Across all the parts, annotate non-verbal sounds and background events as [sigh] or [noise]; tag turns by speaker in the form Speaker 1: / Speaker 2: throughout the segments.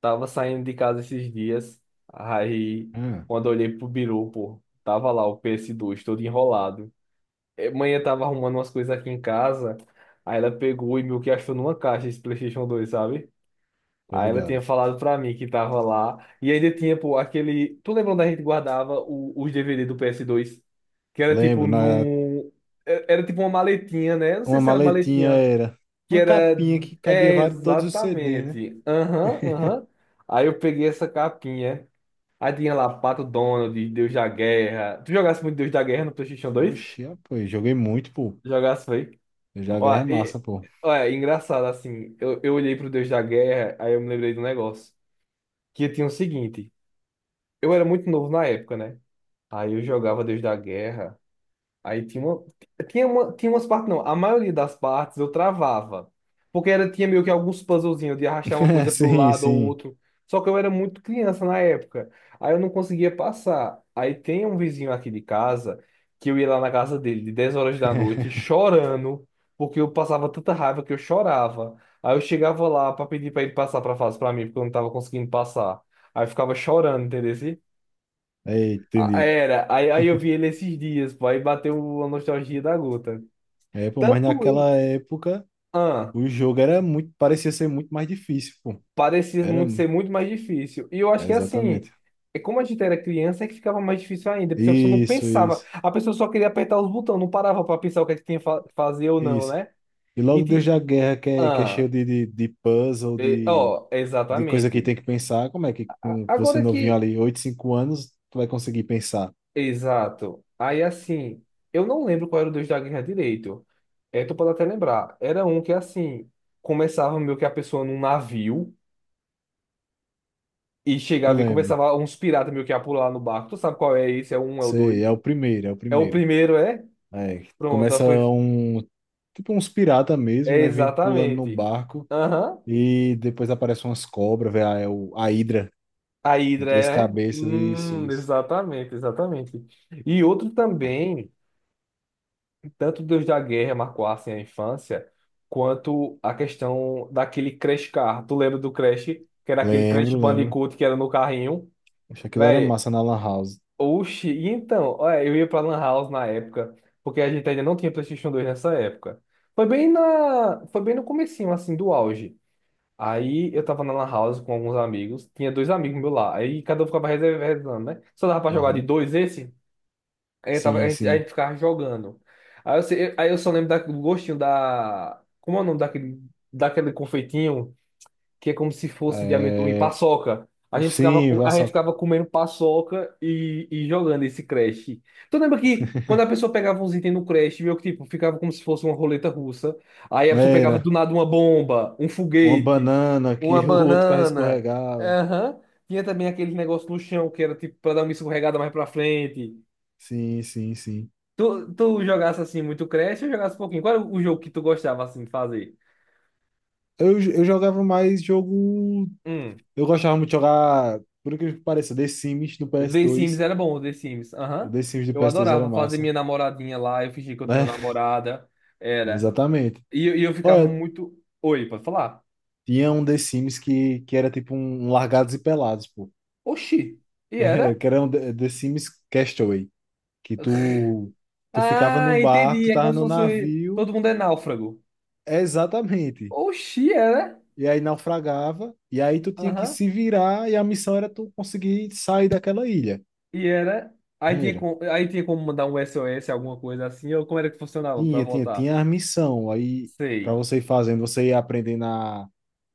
Speaker 1: Tava saindo de casa esses dias, aí
Speaker 2: Ah,
Speaker 1: quando eu olhei pro biru, pô, tava lá o PS2 todo enrolado. Manhã tava arrumando umas coisas aqui em casa, aí ela pegou e meio que achou numa caixa esse PlayStation dois, sabe?
Speaker 2: tô
Speaker 1: Aí ela tinha
Speaker 2: ligado.
Speaker 1: falado pra mim que tava lá, e ainda tinha, pô, aquele. Tu lembra onde a gente guardava os DVD do PS2? Que era tipo
Speaker 2: Lembro,
Speaker 1: num. Era tipo uma maletinha, né? Eu não sei
Speaker 2: uma
Speaker 1: se era
Speaker 2: maletinha
Speaker 1: maletinha,
Speaker 2: era
Speaker 1: que
Speaker 2: uma
Speaker 1: era.
Speaker 2: capinha que cabia
Speaker 1: É,
Speaker 2: vários, todos os CDs, né?
Speaker 1: exatamente. Aham, aham. Aí eu peguei essa capinha. Aí tinha lá Pato Donald, Deus da Guerra. Tu jogasse muito Deus da Guerra no PlayStation dois?
Speaker 2: Oxi, ah, pô, eu joguei muito, pô.
Speaker 1: Jogasse, foi?
Speaker 2: Eu já é
Speaker 1: Ó, e,
Speaker 2: massa, pô.
Speaker 1: ó, é engraçado assim. Eu olhei pro Deus da Guerra, aí eu me lembrei do negócio. Que tinha o seguinte: eu era muito novo na época, né? Aí eu jogava Deus da Guerra. Aí tinha umas partes, não. A maioria das partes eu travava. Porque tinha meio que alguns puzzlezinhos de arrastar uma
Speaker 2: [laughs]
Speaker 1: coisa para o
Speaker 2: Sim,
Speaker 1: lado ou
Speaker 2: sim.
Speaker 1: outro. Só que eu era muito criança na época. Aí eu não conseguia passar. Aí tem um vizinho aqui de casa que eu ia lá na casa dele de 10 horas da noite
Speaker 2: [laughs]
Speaker 1: chorando, porque eu passava tanta raiva que eu chorava. Aí eu chegava lá para pedir para ele passar para fase para mim, porque eu não tava conseguindo passar. Aí eu ficava chorando, entendeu?
Speaker 2: Aí,
Speaker 1: Ah,
Speaker 2: entendi.
Speaker 1: aí eu vi ele esses dias, pô, aí bateu a nostalgia da gota.
Speaker 2: É, pô, mas
Speaker 1: Tanto ele,
Speaker 2: naquela época
Speaker 1: ah,
Speaker 2: o jogo era parecia ser muito mais difícil, pô.
Speaker 1: parecia
Speaker 2: Era,
Speaker 1: muito ser muito mais difícil. E eu acho
Speaker 2: é,
Speaker 1: que assim,
Speaker 2: exatamente.
Speaker 1: é como a gente era criança, é que ficava mais difícil ainda, porque a pessoa não
Speaker 2: Isso,
Speaker 1: pensava,
Speaker 2: isso,
Speaker 1: a pessoa só queria apertar os botões, não parava pra pensar o que é que tinha que fazer ou não,
Speaker 2: isso.
Speaker 1: né?
Speaker 2: E
Speaker 1: E,
Speaker 2: logo desde
Speaker 1: ti-
Speaker 2: a guerra que é
Speaker 1: ah,
Speaker 2: cheio de, de puzzle,
Speaker 1: e-
Speaker 2: de,
Speaker 1: ó,
Speaker 2: de coisa que
Speaker 1: exatamente.
Speaker 2: tem que pensar, como é que com você
Speaker 1: Agora
Speaker 2: novinho
Speaker 1: que.
Speaker 2: ali, 8, 5 anos, tu vai conseguir pensar?
Speaker 1: Exato. Aí assim, eu não lembro qual era o Deus da Guerra direito. É, tu pode até lembrar. Era um que assim, começava meio que a pessoa num navio e
Speaker 2: Eu
Speaker 1: chegava e
Speaker 2: lembro.
Speaker 1: começava uns piratas meio que a pular no barco. Tu sabe qual é esse? É o um, é o
Speaker 2: Sei,
Speaker 1: dois.
Speaker 2: é o primeiro, é o
Speaker 1: É o
Speaker 2: primeiro.
Speaker 1: primeiro, é?
Speaker 2: É,
Speaker 1: Pronto, aí
Speaker 2: começa
Speaker 1: foi.
Speaker 2: um, tipo uns pirata mesmo,
Speaker 1: É,
Speaker 2: né? Vem pulando no
Speaker 1: exatamente.
Speaker 2: barco
Speaker 1: Aham.
Speaker 2: e depois aparecem umas cobras, velho, ah, a Hidra
Speaker 1: A
Speaker 2: de
Speaker 1: Hidra
Speaker 2: três
Speaker 1: é?
Speaker 2: cabeças, isso, isso.
Speaker 1: Exatamente, exatamente. E outro também. Tanto Deus da Guerra marcassem a infância, quanto a questão daquele Crash Car. Tu lembra do Crash? Que era aquele Crash
Speaker 2: Lembro, lembro.
Speaker 1: Bandicoot que era no carrinho?
Speaker 2: Acho que aquilo era
Speaker 1: Véi,
Speaker 2: massa na Lan House.
Speaker 1: oxi, e então, olha, eu ia pra Lan House na época, porque a gente ainda não tinha PlayStation 2 nessa época. Foi bem no comecinho, assim, do auge. Aí eu tava na Lan House com alguns amigos, tinha dois amigos meus lá, aí cada um ficava reservando, né? Só dava pra jogar de
Speaker 2: Aham.
Speaker 1: dois esse? Aí a
Speaker 2: Sim,
Speaker 1: gente, a
Speaker 2: sim.
Speaker 1: gente ficava jogando. Aí eu só lembro do gostinho da. Como é o nome daquele, confeitinho que é como se fosse de amendoim,
Speaker 2: É.
Speaker 1: paçoca. A gente ficava,
Speaker 2: Sim,
Speaker 1: co- a gente
Speaker 2: Vassoca.
Speaker 1: ficava comendo paçoca e jogando esse Crash. Tu lembra que quando a
Speaker 2: [laughs]
Speaker 1: pessoa pegava uns itens no Crash, meio que tipo, ficava como se fosse uma roleta russa. Aí a pessoa pegava do
Speaker 2: Era
Speaker 1: nada uma bomba, um
Speaker 2: uma
Speaker 1: foguete,
Speaker 2: banana
Speaker 1: uma
Speaker 2: que o outro carro
Speaker 1: banana.
Speaker 2: escorregava.
Speaker 1: Aham. Tinha também aquele negócio no chão que era tipo pra dar uma escorregada mais pra frente.
Speaker 2: Sim, sim, sim.
Speaker 1: Tu jogasse assim muito Crash ou jogasse um pouquinho? Qual era o jogo que tu gostava assim de fazer?
Speaker 2: Eu jogava mais jogo.
Speaker 1: Hum.
Speaker 2: Eu gostava muito de jogar, por incrível que pareça, The Sims do ps
Speaker 1: The Sims
Speaker 2: dois
Speaker 1: era bom, The Sims.
Speaker 2: O
Speaker 1: Aham.
Speaker 2: The Sims do
Speaker 1: Eu
Speaker 2: PS2 era
Speaker 1: adorava fazer
Speaker 2: massa,
Speaker 1: minha namoradinha lá, eu fingia que eu tinha
Speaker 2: né?
Speaker 1: uma namorada.
Speaker 2: [laughs]
Speaker 1: Era.
Speaker 2: Exatamente.
Speaker 1: E eu ficava
Speaker 2: Olha,
Speaker 1: muito. Oi, pode falar?
Speaker 2: tinha um The Sims que era tipo um Largados e Pelados, pô. [laughs]
Speaker 1: Oxi. E
Speaker 2: Que
Speaker 1: era?
Speaker 2: é- que era um The Sims Castaway. Que tu ficava num
Speaker 1: Ah,
Speaker 2: barco,
Speaker 1: entendi.
Speaker 2: tu
Speaker 1: É como
Speaker 2: tava
Speaker 1: se
Speaker 2: num
Speaker 1: fosse.
Speaker 2: navio.
Speaker 1: Todo mundo é náufrago.
Speaker 2: É, exatamente.
Speaker 1: Oxi, era?
Speaker 2: E aí naufragava, e aí tu tinha que
Speaker 1: Aham.
Speaker 2: se virar, e a missão era tu conseguir sair daquela ilha.
Speaker 1: E era.
Speaker 2: Era.
Speaker 1: Aí tinha como mandar um SOS, alguma coisa assim, ou como era que funcionava pra
Speaker 2: Tinha, tinha,
Speaker 1: voltar?
Speaker 2: tinha a missão. Aí, para
Speaker 1: Sei.
Speaker 2: você ir fazendo, você ia aprendendo a,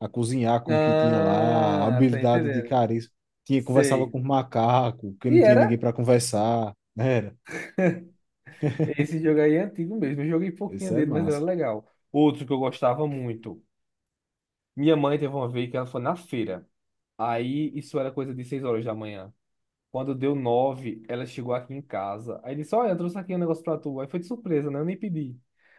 Speaker 2: a cozinhar com o que tinha lá, a
Speaker 1: Ah, tô
Speaker 2: habilidade de
Speaker 1: entendendo.
Speaker 2: carisma. Tinha, conversava
Speaker 1: Sei.
Speaker 2: com macaco, que
Speaker 1: E
Speaker 2: não tinha
Speaker 1: era.
Speaker 2: ninguém para conversar, né? Era.
Speaker 1: Esse jogo aí é antigo mesmo. Eu joguei pouquinho
Speaker 2: Isso é
Speaker 1: dele, mas era
Speaker 2: massa.
Speaker 1: legal. Outro que eu gostava muito. Minha mãe teve uma vez que ela foi na feira. Aí isso era coisa de 6 horas da manhã. Quando deu 9 ela chegou aqui em casa. Aí disse: olha, eu trouxe aqui um negócio pra tu. Aí foi de surpresa, né? Eu nem pedi.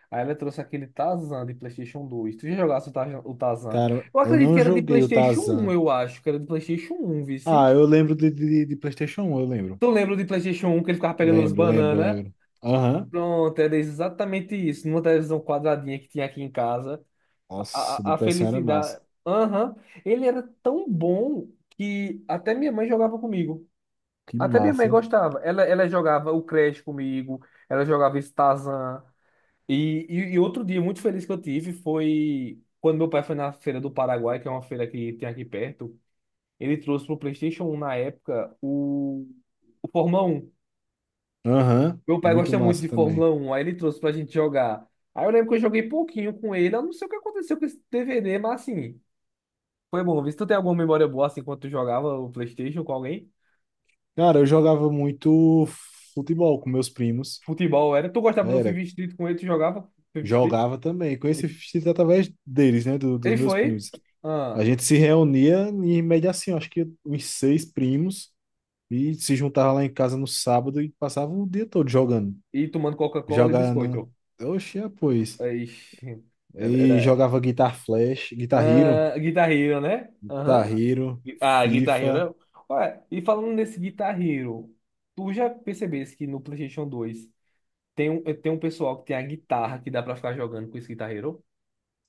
Speaker 1: Aí ela trouxe aquele Tarzan de PlayStation dois. Tu já jogasse o Tarzan? O Tarzan?
Speaker 2: Cara,
Speaker 1: Eu
Speaker 2: eu
Speaker 1: acredito que
Speaker 2: não
Speaker 1: era de
Speaker 2: joguei o
Speaker 1: PlayStation um,
Speaker 2: Tarzan.
Speaker 1: eu acho. Que era de PlayStation 1,
Speaker 2: Ah,
Speaker 1: vice.
Speaker 2: eu lembro de, de PlayStation 1, eu lembro.
Speaker 1: Tu lembra do PlayStation um que ele ficava pegando as
Speaker 2: Lembro, lembro,
Speaker 1: bananas?
Speaker 2: lembro. Aham.
Speaker 1: Pronto, era exatamente isso. Numa televisão quadradinha que tinha aqui em casa,
Speaker 2: Nossa, de
Speaker 1: a
Speaker 2: PS1 era massa.
Speaker 1: felicidade. Aham. Ele era tão bom que até minha mãe jogava comigo.
Speaker 2: Que
Speaker 1: Até minha mãe
Speaker 2: massa.
Speaker 1: gostava. Ela jogava o Crash comigo, ela jogava esse Tarzan. E outro dia muito feliz que eu tive foi quando meu pai foi na feira do Paraguai, que é uma feira que tem aqui perto. Ele trouxe pro PlayStation 1 na época o Fórmula 1.
Speaker 2: Aham.
Speaker 1: Meu pai
Speaker 2: Muito
Speaker 1: gosta muito
Speaker 2: massa
Speaker 1: de
Speaker 2: também.
Speaker 1: Fórmula Um, aí ele trouxe pra gente jogar. Aí eu lembro que eu joguei pouquinho com ele, eu não sei o que aconteceu com esse DVD, mas assim, foi bom. Vê se tu tem alguma memória boa assim quando tu jogava o PlayStation com alguém.
Speaker 2: Cara, eu jogava muito futebol com meus primos.
Speaker 1: Futebol era. Tu gostava do
Speaker 2: Era,
Speaker 1: FIFA Street com ele, tu jogava FIFA Street?
Speaker 2: jogava também. Conheci
Speaker 1: Ele
Speaker 2: Fichita através deles, né? dos
Speaker 1: ele
Speaker 2: meus
Speaker 1: foi.
Speaker 2: primos.
Speaker 1: Ah,
Speaker 2: A gente se reunia em média assim, eu acho que uns seis primos, e se juntava lá em casa no sábado e passava o dia todo jogando.
Speaker 1: e tomando Coca-Cola e
Speaker 2: Jogando.
Speaker 1: biscoito.
Speaker 2: Oxe, é, pois.
Speaker 1: Ixi, era.
Speaker 2: E jogava Guitar Flash, Guitar Hero,
Speaker 1: Ah, Guitar Hero, né?
Speaker 2: Guitar
Speaker 1: Aham.
Speaker 2: Hero,
Speaker 1: Ah, Guitar
Speaker 2: FIFA.
Speaker 1: Hero. Ué, e falando nesse Guitar Hero, tu já percebesse que no PlayStation dois, tem um pessoal que tem a guitarra que dá pra ficar jogando com esse guitarreiro.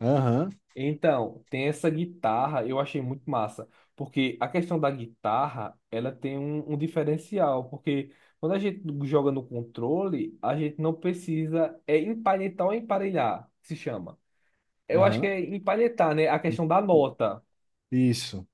Speaker 2: Aham,
Speaker 1: Então, tem essa guitarra, eu achei muito massa, porque a questão da guitarra, ela tem um, diferencial, porque quando a gente joga no controle, a gente não precisa, é empalhetar ou emparelhar, que se chama. Eu acho que
Speaker 2: aham.
Speaker 1: é empalhetar, né? A questão da nota.
Speaker 2: Isso.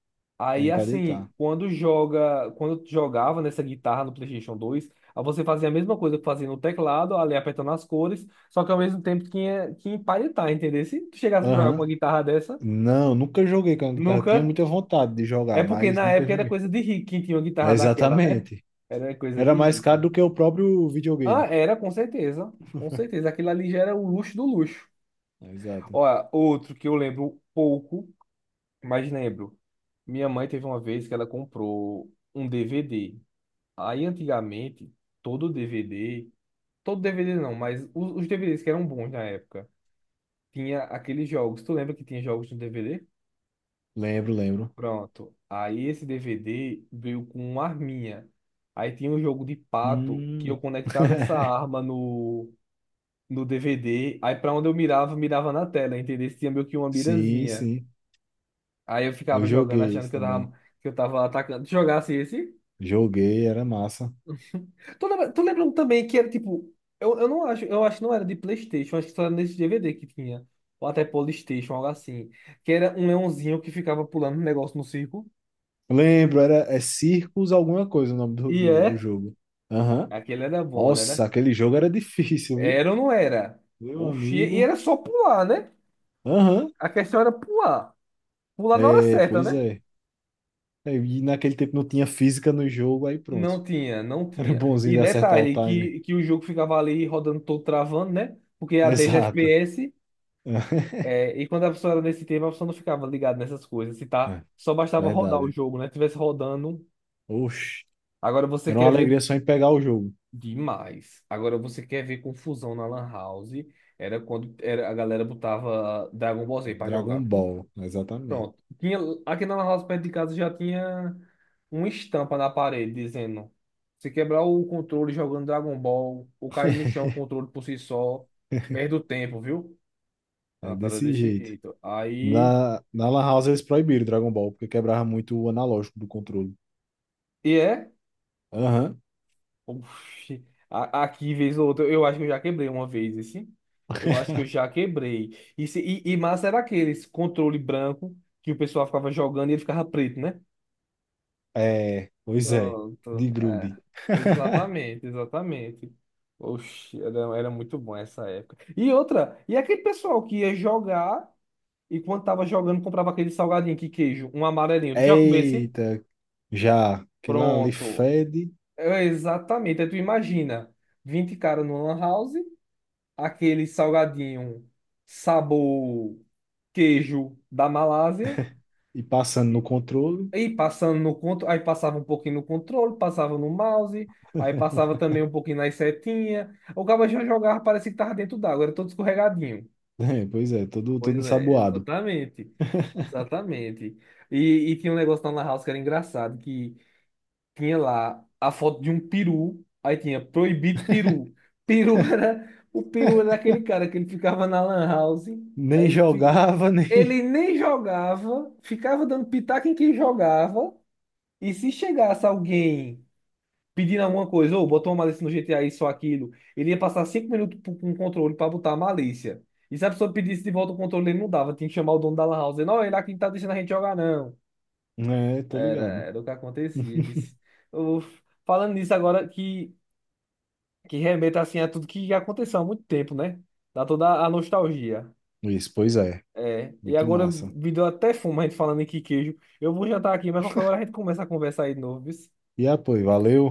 Speaker 2: Aí
Speaker 1: Aí
Speaker 2: pra
Speaker 1: assim,
Speaker 2: deitar.
Speaker 1: quando tu jogava nessa guitarra no PlayStation dois, aí você fazia a mesma coisa que fazia no teclado, ali apertando as cores, só que ao mesmo tempo tinha que empalhetar, entendeu? Se tu chegasse a jogar com uma
Speaker 2: Aham.
Speaker 1: guitarra dessa,
Speaker 2: Não, nunca joguei com a guitarra. Tinha
Speaker 1: nunca.
Speaker 2: muita vontade de
Speaker 1: É
Speaker 2: jogar,
Speaker 1: porque
Speaker 2: mas
Speaker 1: na
Speaker 2: nunca
Speaker 1: época era
Speaker 2: joguei.
Speaker 1: coisa de rico quem tinha uma guitarra daquela, né?
Speaker 2: Exatamente.
Speaker 1: Era coisa
Speaker 2: Era
Speaker 1: de
Speaker 2: mais caro
Speaker 1: rico.
Speaker 2: do que o próprio
Speaker 1: Ah,
Speaker 2: videogame.
Speaker 1: era com certeza, com certeza. Aquilo ali já era o luxo do luxo.
Speaker 2: Exato.
Speaker 1: Olha, outro que eu lembro pouco, mas lembro. Minha mãe teve uma vez que ela comprou um DVD. Aí antigamente, todo DVD, todo DVD não, mas os DVDs que eram bons na época, tinha aqueles jogos. Tu lembra que tinha jogos no DVD?
Speaker 2: Lembro, lembro.
Speaker 1: Pronto. Aí esse DVD veio com uma arminha. Aí tinha um jogo de pato que eu
Speaker 2: Hum. [laughs]
Speaker 1: conectava essa arma no, DVD. Aí pra onde eu mirava, mirava na tela, entendeu? Tinha meio que uma
Speaker 2: Sim,
Speaker 1: mirazinha.
Speaker 2: sim.
Speaker 1: Aí eu
Speaker 2: Eu
Speaker 1: ficava jogando
Speaker 2: joguei
Speaker 1: achando
Speaker 2: isso
Speaker 1: que eu tava,
Speaker 2: também.
Speaker 1: que eu tava atacando. Tu jogasse esse?
Speaker 2: Joguei, era massa.
Speaker 1: Tô lembrando também que era tipo. Eu não acho, eu acho que não era de PlayStation, acho que só era nesse DVD que tinha. Ou até PlayStation, algo assim. Que era um leãozinho que ficava pulando um negócio no circo.
Speaker 2: Lembro, era é Circus alguma coisa o nome do,
Speaker 1: E
Speaker 2: do, do
Speaker 1: é.
Speaker 2: jogo. Aham.
Speaker 1: Aquele era bom, né?
Speaker 2: Nossa, aquele jogo era difícil, viu?
Speaker 1: Era ou não era?
Speaker 2: Meu
Speaker 1: Oxi, e
Speaker 2: amigo.
Speaker 1: era só pular, né?
Speaker 2: Aham.
Speaker 1: A questão era pular. Pular na hora
Speaker 2: É,
Speaker 1: certa,
Speaker 2: pois
Speaker 1: né?
Speaker 2: é. É, e naquele tempo não tinha física no jogo, aí pronto.
Speaker 1: Não tinha, não
Speaker 2: [laughs] Era
Speaker 1: tinha.
Speaker 2: bonzinho
Speaker 1: E
Speaker 2: de acertar o
Speaker 1: detalhe,
Speaker 2: time.
Speaker 1: que o jogo ficava ali rodando todo travando, né? Porque a 10
Speaker 2: Exato.
Speaker 1: FPS.
Speaker 2: [laughs]
Speaker 1: É, e quando a pessoa era nesse tempo, a pessoa não ficava ligada nessas coisas. Se tá,
Speaker 2: É,
Speaker 1: só bastava rodar o
Speaker 2: verdade.
Speaker 1: jogo, né? Tivesse rodando.
Speaker 2: Oxe.
Speaker 1: Agora você
Speaker 2: Era uma
Speaker 1: quer ver
Speaker 2: alegria só em pegar o jogo.
Speaker 1: demais. Agora você quer ver confusão na Lan House. Era quando a galera botava Dragon Ball Z pra jogar,
Speaker 2: Dragon
Speaker 1: viu?
Speaker 2: Ball, exatamente.
Speaker 1: Pronto. Tinha, aqui na Lan House, perto de casa, já tinha uma estampa na parede dizendo: se quebrar o controle jogando Dragon Ball, ou cair no
Speaker 2: [laughs]
Speaker 1: chão o controle por si só, perde o tempo, viu?
Speaker 2: É
Speaker 1: Ah, tá, era
Speaker 2: desse
Speaker 1: desse
Speaker 2: jeito.
Speaker 1: jeito. Aí.
Speaker 2: Na Lan House eles proibiram Dragon Ball, porque quebrava muito o analógico do controle.
Speaker 1: E é.
Speaker 2: Aham.
Speaker 1: Oxi, aqui, vez ou outra, eu acho que eu já quebrei uma vez esse. Eu acho que eu
Speaker 2: [laughs]
Speaker 1: já quebrei. E massa era esse controle branco que o pessoal ficava jogando e ele ficava preto, né?
Speaker 2: É, pois é. De
Speaker 1: Pronto, é.
Speaker 2: grude. [laughs]
Speaker 1: Exatamente, exatamente. Oxi, era muito bom essa época. E outra, e aquele pessoal que ia jogar e quando tava jogando comprava aquele salgadinho que queijo, um amarelinho. Tu já comeu esse?
Speaker 2: Eita, já. Que lá ali
Speaker 1: Pronto.
Speaker 2: fede
Speaker 1: É, exatamente. Aí tu imagina, 20 caras numa lan house. Aquele salgadinho sabor queijo da Malásia.
Speaker 2: e passando no controle. [laughs]
Speaker 1: E passando no controle, aí passava um pouquinho no controle, passava no mouse, aí passava também um pouquinho nas setinhas. O cabo já jogava, parecia que tava dentro d'água, era todo escorregadinho.
Speaker 2: É, pois é, todo,
Speaker 1: Pois
Speaker 2: todo
Speaker 1: é,
Speaker 2: ensaboado.
Speaker 1: exatamente. Exatamente. E tinha um negócio lá na House que era engraçado, que tinha lá a foto de um peru, aí tinha proibido peru. Peru [laughs] era, o peru era aquele cara que ele ficava na lan house,
Speaker 2: Nem
Speaker 1: aí ele, fi-
Speaker 2: jogava, [laughs] nem.
Speaker 1: ele nem jogava, ficava dando pitaco em quem jogava, e se chegasse alguém pedindo alguma coisa, ou botou uma malícia no GTA, isso ou aquilo, ele ia passar 5 minutos com o controle para botar a malícia. E se a pessoa pedisse de volta o controle, ele não dava, tinha que chamar o dono da lan house, não, ele aqui não tá deixando a gente jogar não.
Speaker 2: É, tô
Speaker 1: Era,
Speaker 2: ligado.
Speaker 1: era o que acontecia.
Speaker 2: [laughs]
Speaker 1: Vice. Eu- falando nisso agora que, remeta assim a tudo que aconteceu há muito tempo, né? Dá toda a nostalgia.
Speaker 2: Isso, pois é.
Speaker 1: É. E
Speaker 2: Muito
Speaker 1: agora
Speaker 2: massa.
Speaker 1: me deu até fome a gente falando em que queijo. Eu vou jantar aqui, mas qualquer hora a gente começa a conversar aí de novo, viu?
Speaker 2: E apoio, valeu.